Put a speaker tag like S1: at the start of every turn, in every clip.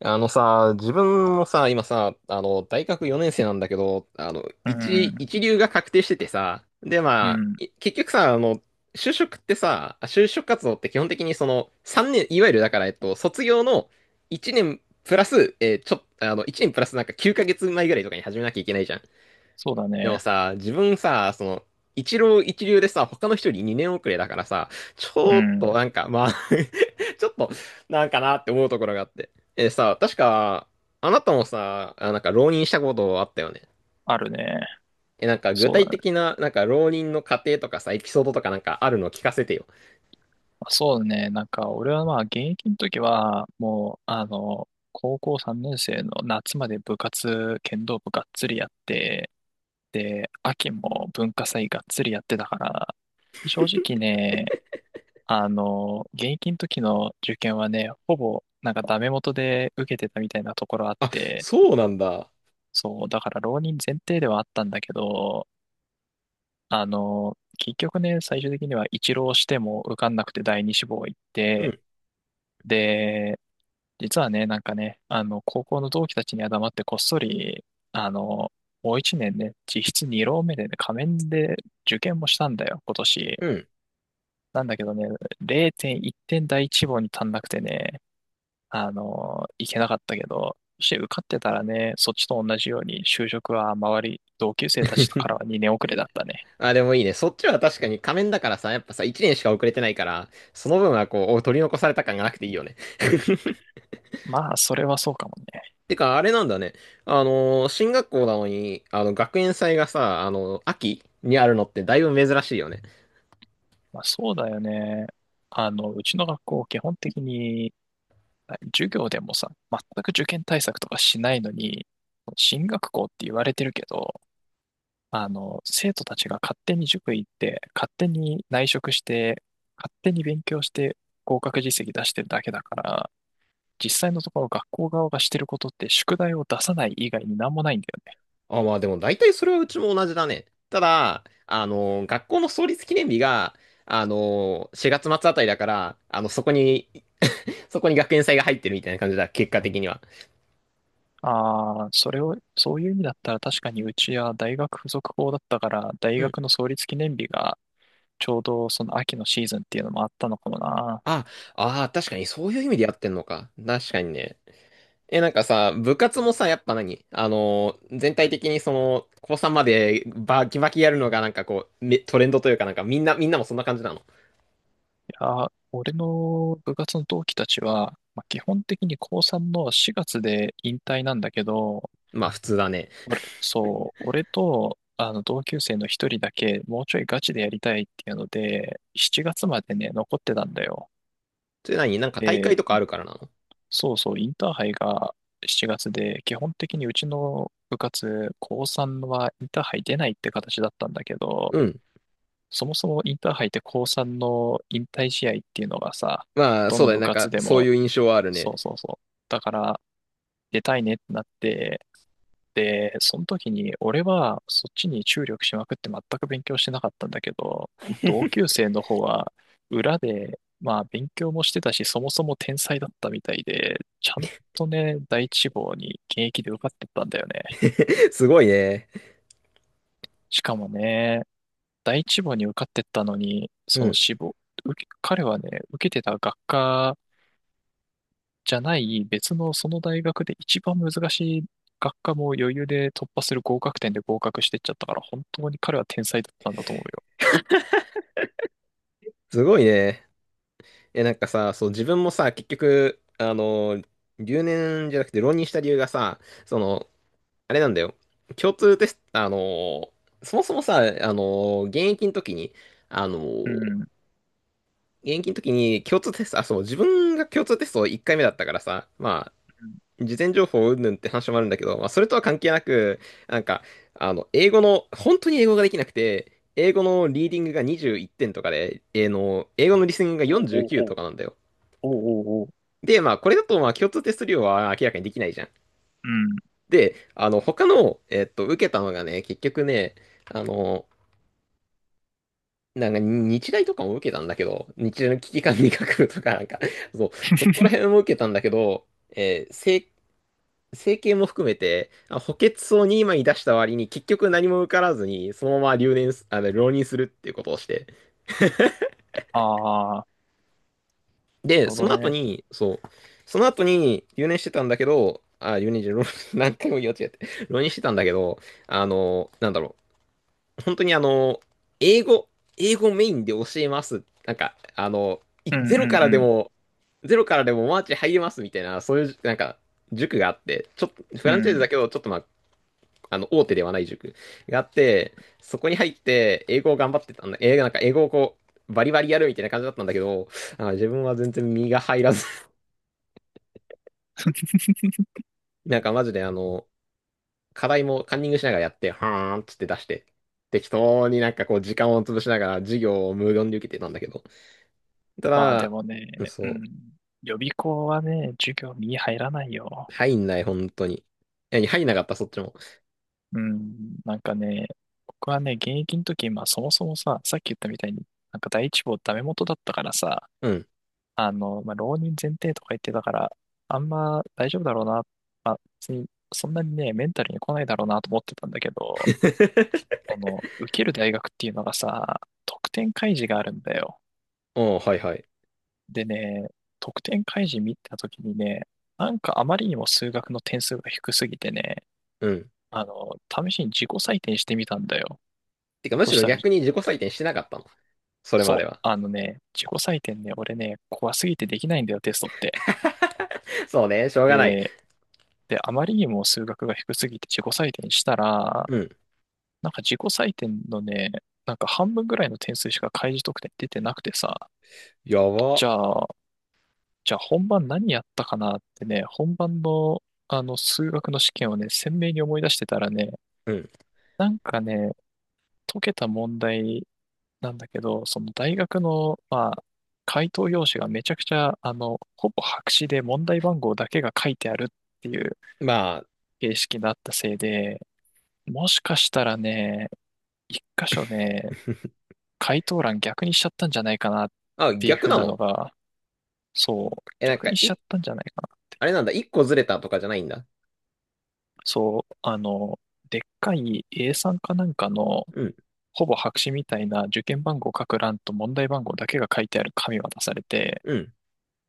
S1: あのさ、自分もさ、今さ、大学4年生なんだけど、
S2: う
S1: 一、
S2: ん、
S1: 一流が確定しててさ、で、
S2: う
S1: まあ、
S2: ん、
S1: 結局さ、就職活動って基本的にその、3年、いわゆるだから、卒業の1年プラス、えーちょ、あの、1年プラスなんか9ヶ月前ぐらいとかに始めなきゃいけないじゃん。
S2: そうだ
S1: でも
S2: ね。
S1: さ、自分さ、その、一浪一流でさ、他の人より2年遅れだからさ、ち
S2: う
S1: ょっ
S2: ん、
S1: となんか、まあ ちょっと、なんかなって思うところがあって。確か、あなたもさ、あ、なんか浪人したことあったよね。
S2: あるね。
S1: なんか具
S2: そう
S1: 体
S2: だね。
S1: 的な、なんか浪人の過程とかさ、エピソードとかなんかあるの聞かせてよ。
S2: まあそうだね。なんか、俺はまあ、現役の時は、もう、高校3年生の夏まで部活、剣道部がっつりやって、で、秋も文化祭がっつりやってたから、正直ね、現役の時の受験はね、ほぼ、なんかダメ元で受けてたみたいなところあっ
S1: あ、
S2: て、
S1: そうなんだ。
S2: そう、だから浪人前提ではあったんだけど、結局ね、最終的には一浪しても受かんなくて第二志望行っ
S1: う
S2: て、
S1: ん、
S2: で、実はね、なんかね、高校の同期たちには黙ってこっそり、あの、もう一年ね、実質二浪目でね、仮面で受験もしたんだよ、今年。
S1: うん。
S2: なんだけどね、0.1点第一志望に足んなくてね、行けなかったけど、そして受かってたらね、そっちと同じように就職は周り、同級生たちからは二年遅れだったね。
S1: あ、でもいいね。そっちは確かに仮面だからさ、やっぱさ、1年しか遅れてないから、その分はこう、取り残された感がなくていいよね。
S2: まあ、それはそうかもね。
S1: てか、あれなんだね。進学校なのに、学園祭がさ、秋にあるのってだいぶ珍しいよね。
S2: まあ、そうだよね。うちの学校、基本的に、授業でもさ、全く受験対策とかしないのに、進学校って言われてるけど、生徒たちが勝手に塾行って、勝手に内職して、勝手に勉強して、合格実績出してるだけだから、実際のところ学校側がしてることって宿題を出さない以外になんもないんだよね。
S1: あ、まあでも大体それはうちも同じだね。ただ、学校の創立記念日が、4月末あたりだから、そこに そこに学園祭が入ってるみたいな感じだ、結果的には。
S2: ああ、それを、そういう意味だったら確かにうちは大学附属校だったから、大
S1: うん。
S2: 学の創立記念日がちょうどその秋のシーズンっていうのもあったのかもな。
S1: あ、ああ、確かにそういう意味でやってんのか。確かにね。なんかさ、部活もさ、やっぱ何あのー全体的にその、高3までバキバキやるのがなんかこう、トレンドというかなんかみんなもそんな感じなの。
S2: いや、俺の部活の同期たちは、まあ、基本的に高3の4月で引退なんだけど、
S1: まあ普通だね。
S2: 俺、そう、俺とあの同級生の一人だけもうちょいガチでやりたいっていうので、7月までね、残ってたんだよ。
S1: それなんか大
S2: で、
S1: 会とかあるからなの？
S2: そうそう、インターハイが7月で、基本的にうちの部活、高3はインターハイ出ないって形だったんだけど、
S1: うん。
S2: そもそもインターハイって高3の引退試合っていうのがさ、
S1: まあ
S2: ど
S1: そう
S2: の
S1: だね。
S2: 部
S1: なん
S2: 活
S1: か
S2: で
S1: そう
S2: も、
S1: いう印象はあるね。
S2: そうそうそう。だから、出たいねってなって、で、その時に俺はそっちに注力しまくって全く勉強してなかったんだけど、同級生の方は裏で、まあ勉強もしてたし、そもそも天才だったみたいで、ちゃんとね、第一志望に現役で受かってったんだよね。
S1: すごいね。
S2: しかもね、第一志望に受かってったのに、
S1: う
S2: その
S1: ん。
S2: 志望、彼はね、受けてた学科じゃない別のその大学で一番難しい学科も余裕で突破する合格点で合格してっちゃったから、本当に彼は天才だったんだと思うよ。
S1: すごいね。なんかさ、そう、自分もさ、結局、留年じゃなくて浪人した理由がさ、その、あれなんだよ。共通テスト、ーそもそもさ、の現役の時に、あの
S2: う
S1: ー
S2: ん。うん、
S1: 共通テスト、あ、そう、自分が共通テスト1回目だったからさ、まあ、事前情報云々って話もあるんだけど、まあ、それとは関係なく、なんか、英語の、本当に英語ができなくて、英語のリーディングが21点とかで、えーの、英語のリスニングが
S2: おう、おう、
S1: 49
S2: おう、
S1: とかなんだよ。
S2: おう、おう、おう、
S1: で、まあ、これだと、まあ、共通テスト量は明らかにできないじゃん。
S2: うん。
S1: で、他の、受けたのがね、結局ね、あの、なんか日大とかも受けたんだけど、日大の危機管理学部とかなんか、そう、そこら辺も受けたんだけど、整形も含めて、補欠層に今に出した割に結局何も受からずに、そのまま留年す、あの、浪人するっていうことをして。
S2: ああ、なる
S1: で、
S2: ほ
S1: そ
S2: ど
S1: の後
S2: ね。
S1: に、そう、その後に留年してたんだけど、あ、留年じゃ、浪 何回も言い間違えて、浪人してたんだけど、なんだろう、本当に英語、英語メインで教えます。なんか、い
S2: うんう
S1: ゼロ
S2: ん
S1: からで
S2: うん。
S1: も、ゼロからでもマーチ入れますみたいな、そういう、なんか、塾があって、ちょっと、フ
S2: う
S1: ランチャイズだ
S2: ん。
S1: けど、ちょっとまあ、大手ではない塾があって、そこに入って、英語を頑張ってたんだ。なんか英語をこう、バリバリやるみたいな感じだったんだけど、自分は全然身が入らず、なんかマジで課題もカンニングしながらやって、はーんっつって出して、適当になんかこう時間を潰しながら授業を無言で受けてたんだけど、た
S2: まあで
S1: だ、
S2: も
S1: うん
S2: ね、う
S1: そ
S2: ん。予備校はね、授業に入らない
S1: う。
S2: よ。
S1: 入んない、本当に。何、入んなかった、そっちも。
S2: うん、なんかね、僕はね、現役の時、まあそもそもさ、さっき言ったみたいに、なんか第一志望ダメ元だったからさ、
S1: うん。
S2: まあ浪人前提とか言ってたから、あんま大丈夫だろうな、まあ別にそんなにね、メンタルに来ないだろうなと思ってたんだけど、受ける大学っていうのがさ、得点開示があるんだよ。
S1: おー、はいはい。
S2: でね、得点開示見た時にね、なんかあまりにも数学の点数が低すぎてね、
S1: うん。
S2: あの、試しに自己採点してみたんだよ。
S1: てか、む
S2: そ
S1: し
S2: し
S1: ろ
S2: たら
S1: 逆に自己採点してなかったの？それま
S2: そ
S1: で
S2: う。
S1: は。
S2: あのね、自己採点ね、俺ね、怖すぎてできないんだよ、テストって。
S1: そうね、しょうがない。
S2: で、あまりにも数学が低すぎて自己採点したら、
S1: うん。
S2: なんか自己採点のね、なんか半分ぐらいの点数しか開示得点出てなくてさ、
S1: や
S2: じ
S1: ば。
S2: ゃあ、本番何やったかなってね、本番のあの数学の試験をね、鮮明に思い出してたらね、
S1: うん。
S2: なんかね、解けた問題なんだけど、その大学の、まあ、回答用紙がめちゃくちゃ、ほぼ白紙で問題番号だけが書いてあるっていう
S1: まあ、
S2: 形式だったせいで、もしかしたらね、一箇所ね、回答欄逆にしちゃったんじゃないかなっ
S1: あ、
S2: ていう
S1: 逆
S2: ふう
S1: な
S2: なの
S1: の？
S2: が、そう、
S1: なん
S2: 逆
S1: か、
S2: にしちゃったんじゃないかな。
S1: あれなんだ、一個ずれたとかじゃないんだ。
S2: そう、でっかい a んかなんかの、
S1: うん、
S2: ほぼ白紙みたいな受験番号書く欄と問題番号だけが書いてある紙渡されて、
S1: うん。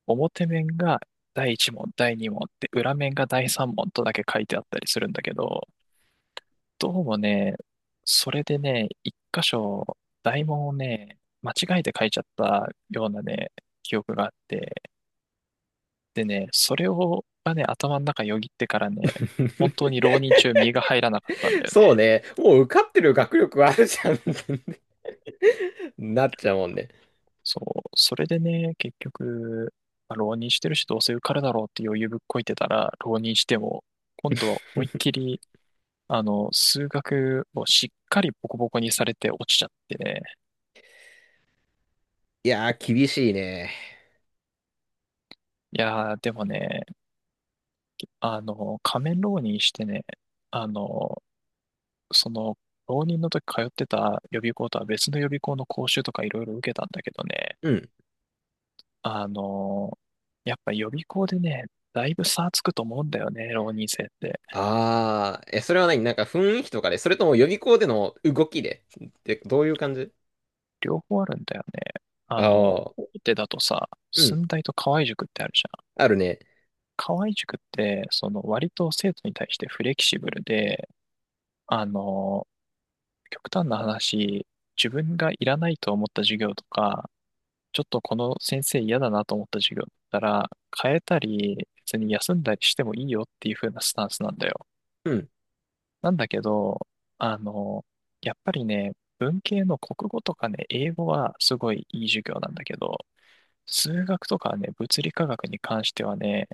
S2: 表面が第1問、第2問って、裏面が第3問とだけ書いてあったりするんだけど、どうもね、それでね、一箇所、大問をね、間違えて書いちゃったようなね、記憶があって、でね、それを、がね、頭の中よぎってからね、本当に浪人 中、身が入らなかったんだよ
S1: そう
S2: ね。
S1: ね、もう受かってる学力あるじゃん なっちゃうもんね。
S2: そう、それでね、結局、まあ浪人してるし、どうせ受かるだろうって余裕ぶっこいてたら、浪人しても、今度は思いっき り数学をしっかりボコボコにされて落ちちゃってね。
S1: いやー、厳しいね。
S2: いやー、でもね、仮面浪人してね、あの、その、浪人の時通ってた予備校とは別の予備校の講習とかいろいろ受けたんだけどね、
S1: うん。
S2: あの、やっぱ予備校でね、だいぶ差つくと思うんだよね、浪人生って。
S1: ああ、それはなんか雰囲気とかで、それとも予備校での動きでってどういう感じ？
S2: 両方あるんだよね。
S1: ああー、
S2: 大手だとさ、
S1: うん、
S2: 駿台と河合塾ってあるじゃん。
S1: あるね。
S2: 河合塾って、その割と生徒に対してフレキシブルで、あの、極端な話、自分がいらないと思った授業とか、ちょっとこの先生嫌だなと思った授業だったら、変えたり、別に休んだりしてもいいよっていう風なスタンスなんだよ。
S1: うん、
S2: なんだけど、あの、やっぱりね、文系の国語とかね、英語はすごいいい授業なんだけど、数学とかね、物理科学に関してはね、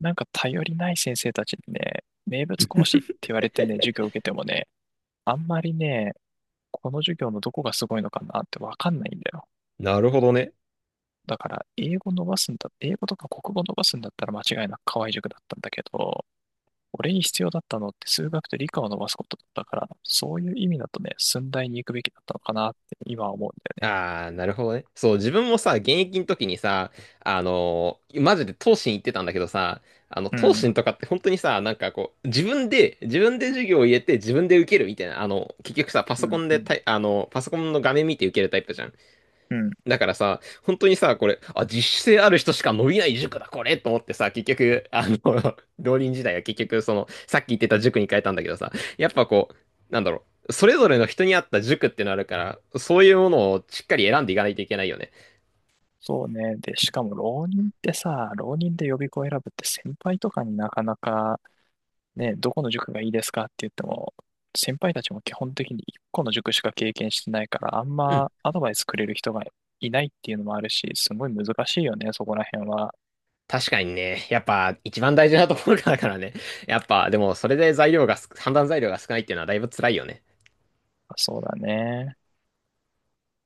S2: なんか頼りない先生たちにね、名物講師って言われてね、授業を受けてもね、あんまりね、この授業のどこがすごいのかなってわかんないんだよ。
S1: なるほどね。
S2: だから、英語伸ばすんだ、英語とか国語伸ばすんだったら間違いなく河合塾だったんだけど、俺に必要だったのって数学と理科を伸ばすことだったから、そういう意味だとね、駿大に行くべきだったのかなって今は思うんだ
S1: ああ、なるほどね。そう、自分もさ、現役の時にさ、マジで東進行ってたんだけどさ、
S2: よ
S1: 東
S2: ね。
S1: 進とかって本当にさ、なんかこう、自分で授業を入れて自分で受けるみたいな、結局さ、パ
S2: うん、
S1: ソ
S2: う
S1: コ
S2: ん、
S1: ン
S2: う
S1: で
S2: ん、
S1: タイ、あの、パソコンの画面見て受けるタイプじゃん。
S2: うん。
S1: だからさ、本当にさ、これ、あ、自主性ある人しか伸びない塾だ、これと思ってさ、結局、浪人時代は結局、その、さっき言ってた塾に変えたんだけどさ、やっぱこう、なんだろう、それぞれの人に合った塾ってのあるから、そういうものをしっかり選んでいかないといけないよね。
S2: そうね。で、しかも浪人ってさ、浪人で予備校選ぶって先輩とかになかなかね、どこの塾がいいですかって言っても、先輩たちも基本的に1個の塾しか経験してないから、あん
S1: うん。
S2: まアドバイスくれる人がいないっていうのもあるし、すごい難しいよね、そこら辺は。
S1: 確かにね、やっぱ一番大事なところだからね。やっぱ、でもそれで材料がす、判断材料が少ないっていうのはだいぶ辛いよね。
S2: そうだね。